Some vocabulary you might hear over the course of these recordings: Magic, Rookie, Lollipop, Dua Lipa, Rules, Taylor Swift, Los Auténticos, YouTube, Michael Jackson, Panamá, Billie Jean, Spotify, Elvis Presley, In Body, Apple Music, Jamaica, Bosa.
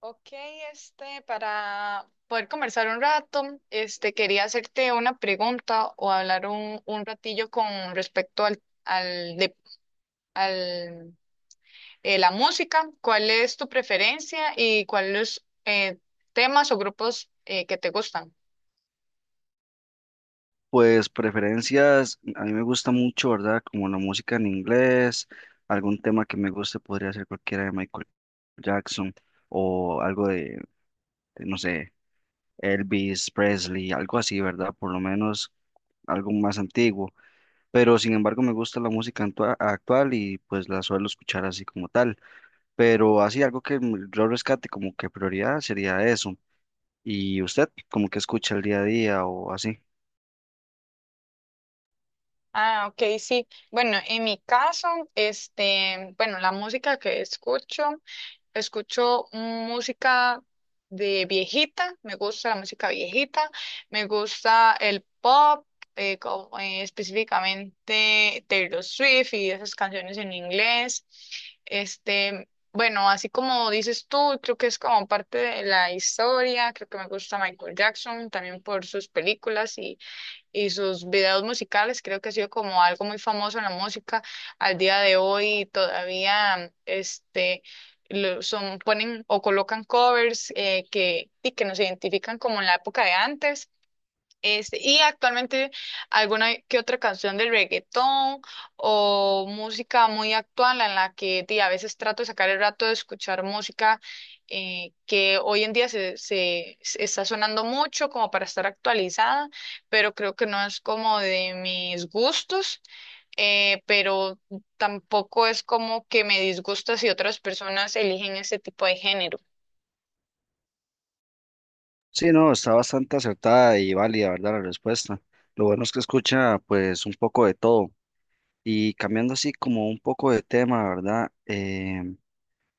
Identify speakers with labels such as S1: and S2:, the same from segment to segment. S1: Ok, para poder conversar un rato, quería hacerte una pregunta o hablar un ratillo con respecto al la música. ¿Cuál es tu preferencia y cuáles temas o grupos que te gustan?
S2: Pues preferencias, a mí me gusta mucho, ¿verdad? Como la música en inglés, algún tema que me guste podría ser cualquiera de Michael Jackson o algo no sé, Elvis Presley, algo así, ¿verdad? Por lo menos algo más antiguo. Pero sin embargo me gusta la música actual y pues la suelo escuchar así como tal. Pero así algo que yo rescate como que prioridad sería eso. ¿Y usted como que escucha el día a día o así?
S1: Ah, ok, sí. Bueno, en mi caso, bueno, la música que escucho música de viejita, me gusta la música viejita, me gusta el pop, específicamente Taylor Swift y esas canciones en inglés. Este, bueno, así como dices tú, creo que es como parte de la historia, creo que me gusta Michael Jackson también por sus películas y sus videos musicales. Creo que ha sido como algo muy famoso en la música al día de hoy. Todavía son, ponen o colocan covers y que nos identifican como en la época de antes. Este, y actualmente alguna que otra canción del reggaetón o música muy actual en la que a veces trato de sacar el rato de escuchar música que hoy en día se está sonando mucho como para estar actualizada, pero creo que no es como de mis gustos, pero tampoco es como que me disgusta si otras personas eligen ese tipo de género.
S2: Sí, no, está bastante acertada y válida, ¿verdad? La respuesta. Lo bueno es que escucha pues un poco de todo. Y cambiando así como un poco de tema, ¿verdad? Em,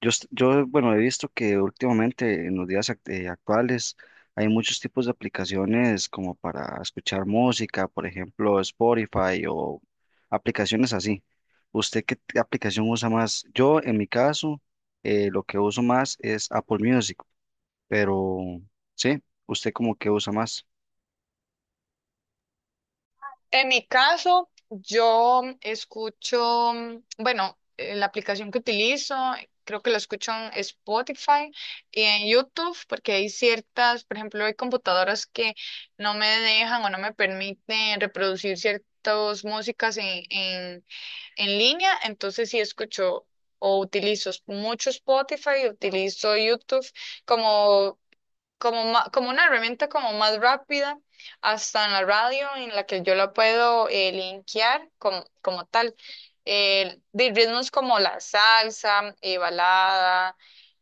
S2: yo, est- yo, Bueno, he visto que últimamente en los días actuales hay muchos tipos de aplicaciones como para escuchar música, por ejemplo, Spotify o aplicaciones así. ¿Usted qué aplicación usa más? Yo, en mi caso, lo que uso más es Apple Music. Pero sí, ¿usted como que usa más?
S1: En mi caso, yo la aplicación que utilizo, creo que la escucho en Spotify y en YouTube, porque hay ciertas, por ejemplo, hay computadoras que no me dejan o no me permiten reproducir ciertas músicas en línea, entonces sí escucho o utilizo mucho Spotify, utilizo YouTube como como una herramienta como más rápida, hasta en la radio en la que yo la puedo linkear como, como tal. De ritmos como la salsa, balada,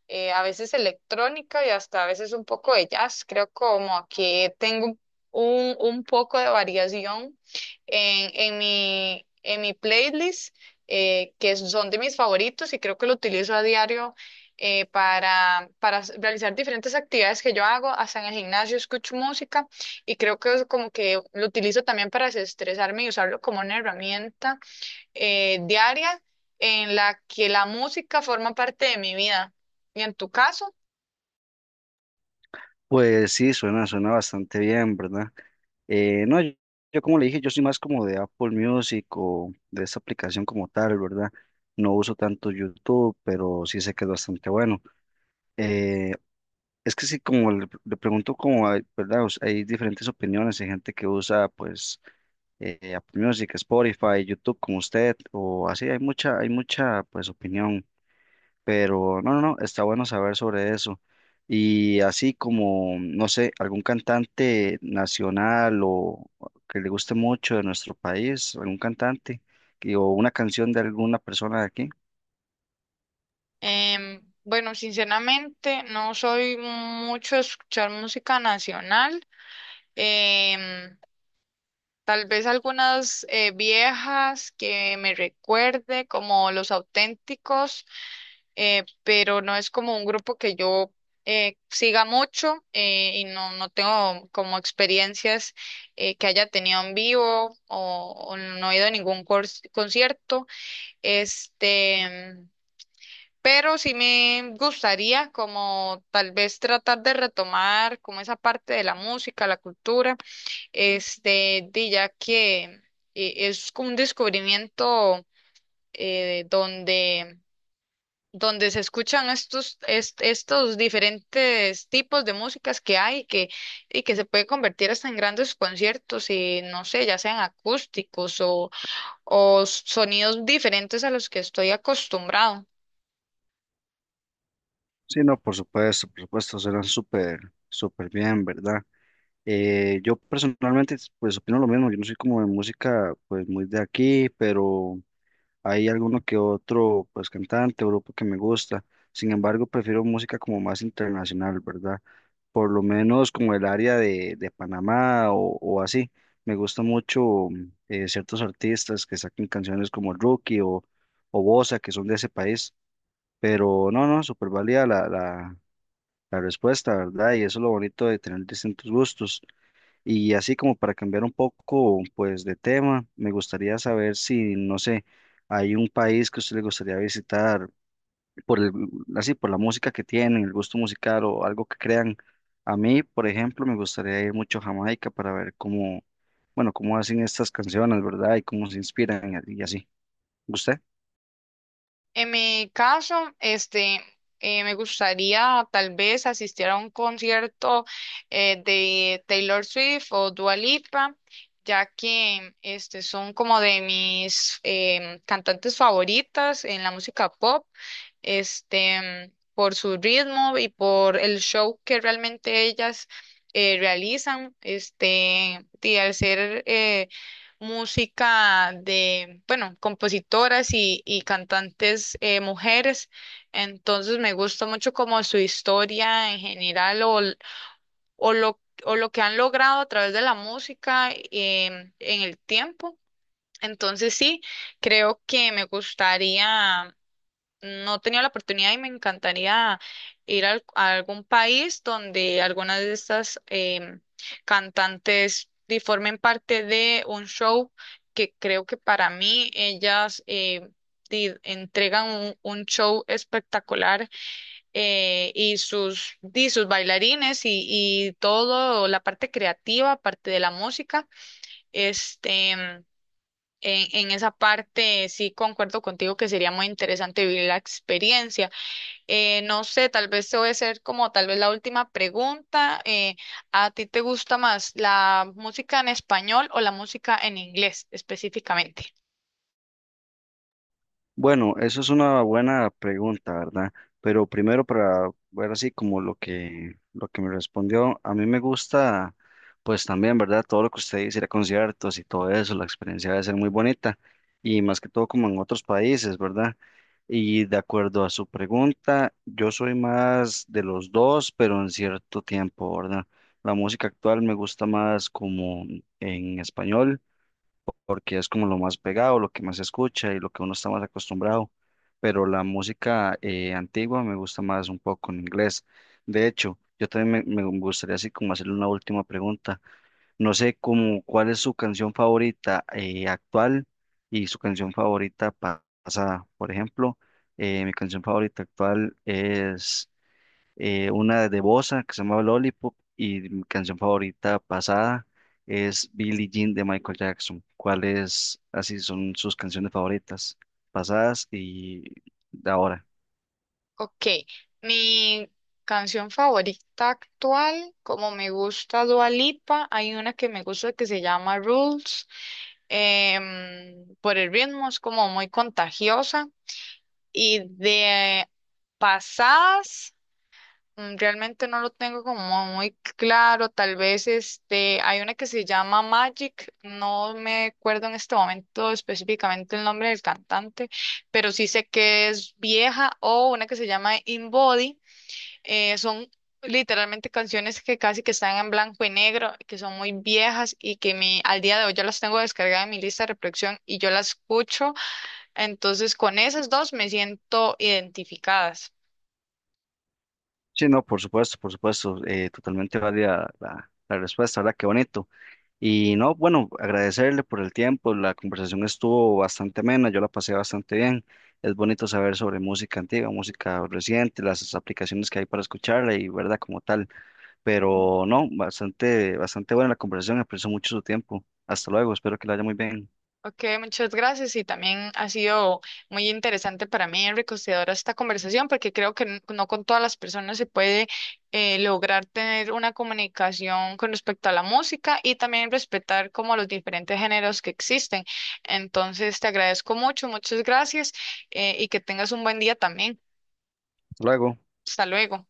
S1: a veces electrónica y hasta a veces un poco de jazz. Creo como que tengo un poco de variación en mi playlist, que son de mis favoritos y creo que lo utilizo a diario. Para s- realizar diferentes actividades que yo hago, hasta en el gimnasio escucho música y creo que es como que lo utilizo también para desestresarme y usarlo como una herramienta diaria en la que la música forma parte de mi vida. Y en tu caso,
S2: Pues sí, suena bastante bien, ¿verdad? No, yo, yo como le dije, yo soy más como de Apple Music o de esa aplicación como tal, ¿verdad? No uso tanto YouTube, pero sí sé que es bastante bueno. Eh, es que sí, como le pregunto como, hay, ¿verdad? O sea, hay diferentes opiniones, hay gente que usa pues Apple Music, Spotify, YouTube como usted, o así, hay mucha pues opinión. Pero no, está bueno saber sobre eso. Y así como, no sé, algún cantante nacional o que le guste mucho de nuestro país, algún cantante o una canción de alguna persona de aquí.
S1: Bueno, sinceramente no soy mucho de escuchar música nacional. Em, Tal vez algunas viejas que me recuerde, como Los Auténticos pero no es como un grupo que yo siga mucho y no, no tengo como experiencias que haya tenido en vivo o no he ido a ningún cors- concierto. Este, pero sí me gustaría como tal vez tratar de retomar como esa parte de la música, la cultura, de ya que es como un descubrimiento eh, donde donde se escuchan estos diferentes tipos de músicas que y que se puede convertir hasta en grandes conciertos y no sé, ya sean acústicos o sonidos diferentes a los que estoy acostumbrado.
S2: Sí, no, por supuesto, súper bien, ¿verdad? Yo personalmente, pues opino lo mismo, yo no soy como de música, pues muy de aquí, pero hay alguno que otro, pues cantante o grupo que me gusta. Sin embargo, prefiero música como más internacional, ¿verdad? Por lo menos como el área de Panamá o así. Me gusta mucho ciertos artistas que sacan canciones como Rookie o Bosa, que son de ese país. Pero no, no, súper válida la respuesta, ¿verdad? Y eso es lo bonito de tener distintos gustos. Y así como para cambiar un poco, pues, de tema, me gustaría saber si, no sé, hay un país que a usted le gustaría visitar por el, así, por la música que tienen, el gusto musical o algo que crean. A mí, por ejemplo, me gustaría ir mucho a Jamaica para ver cómo, bueno, cómo hacen estas canciones, ¿verdad? Y cómo se inspiran y así. ¿Usted?
S1: En mi caso, me gustaría tal vez asistir a un concierto de Taylor Swift o Dua Lipa. Ya que son como de mis cantantes favoritas en la música pop. Este, por su ritmo y por el show que realmente ellas realizan, y al ser música de, bueno, compositoras y cantantes mujeres, entonces me gusta mucho como su historia en general o lo, o lo que han logrado a través de la música en el tiempo. Entonces sí, creo que me gustaría, no he tenido la oportunidad y me encantaría ir a algún país donde algunas de estas cantantes formen parte de un show que creo que para mí ellas entregan un show espectacular y sus bailarines y todo, la parte creativa, parte de la música, este... em, en esa parte sí concuerdo contigo que sería muy interesante vivir la experiencia. No sé, tal vez te voy a hacer como tal vez la última pregunta. ¿A ti te gusta más la música en español o la música en inglés específicamente?
S2: Bueno, eso es una buena pregunta, ¿verdad? Pero primero para ver así como lo que me respondió, a mí me gusta pues también, ¿verdad? Todo lo que usted dice, ir a conciertos y todo eso, la experiencia debe ser muy bonita y más que todo como en otros países, ¿verdad? Y de acuerdo a su pregunta, yo soy más de los dos, pero en cierto tiempo, ¿verdad? La música actual me gusta más como en español porque es como lo más pegado, lo que más se escucha y lo que uno está más acostumbrado. Pero la música antigua me gusta más un poco en inglés. De hecho, yo también me gustaría así como hacerle una última pregunta. No sé cómo, cuál es su canción favorita actual y su canción favorita pasada. Por ejemplo, mi canción favorita actual es una de Bossa que se llamaba Lollipop y mi canción favorita pasada es Billie Jean de Michael Jackson. ¿Cuáles así son sus canciones favoritas pasadas y de ahora?
S1: Ok, mi canción favorita actual, como me gusta Dua Lipa, hay una que me gusta que se llama Rules, por el ritmo es como muy contagiosa y de pasadas. Mm, realmente no lo tengo como muy claro, tal vez hay una que se llama Magic, no me acuerdo en este momento específicamente el nombre del cantante, pero sí sé que es vieja o una que se llama In Body, son literalmente canciones que casi que están en blanco y negro, que son muy viejas y que al día de hoy yo las tengo descargadas en mi lista de reproducción y yo las escucho, entonces con esas dos me siento identificadas.
S2: Sí, no, por supuesto, totalmente válida la respuesta, ¿verdad? Qué bonito. Y no, bueno, agradecerle por el tiempo, la conversación estuvo bastante amena, yo la pasé bastante bien. Es bonito saber sobre música antigua, música reciente, las aplicaciones que hay para escucharla y, ¿verdad? Como tal. Pero no, bastante buena la conversación, aprecio mucho su tiempo. Hasta luego, espero que la haya muy bien.
S1: Ok, muchas gracias y también ha sido muy interesante para mí, enriquecedora esta conversación, porque creo que n- no con todas las personas se puede lograr tener una comunicación con respecto a la música y también respetar como los diferentes géneros que existen. Entonces, te agradezco mucho, muchas gracias y que tengas un buen día también.
S2: Hasta luego.
S1: Hasta luego.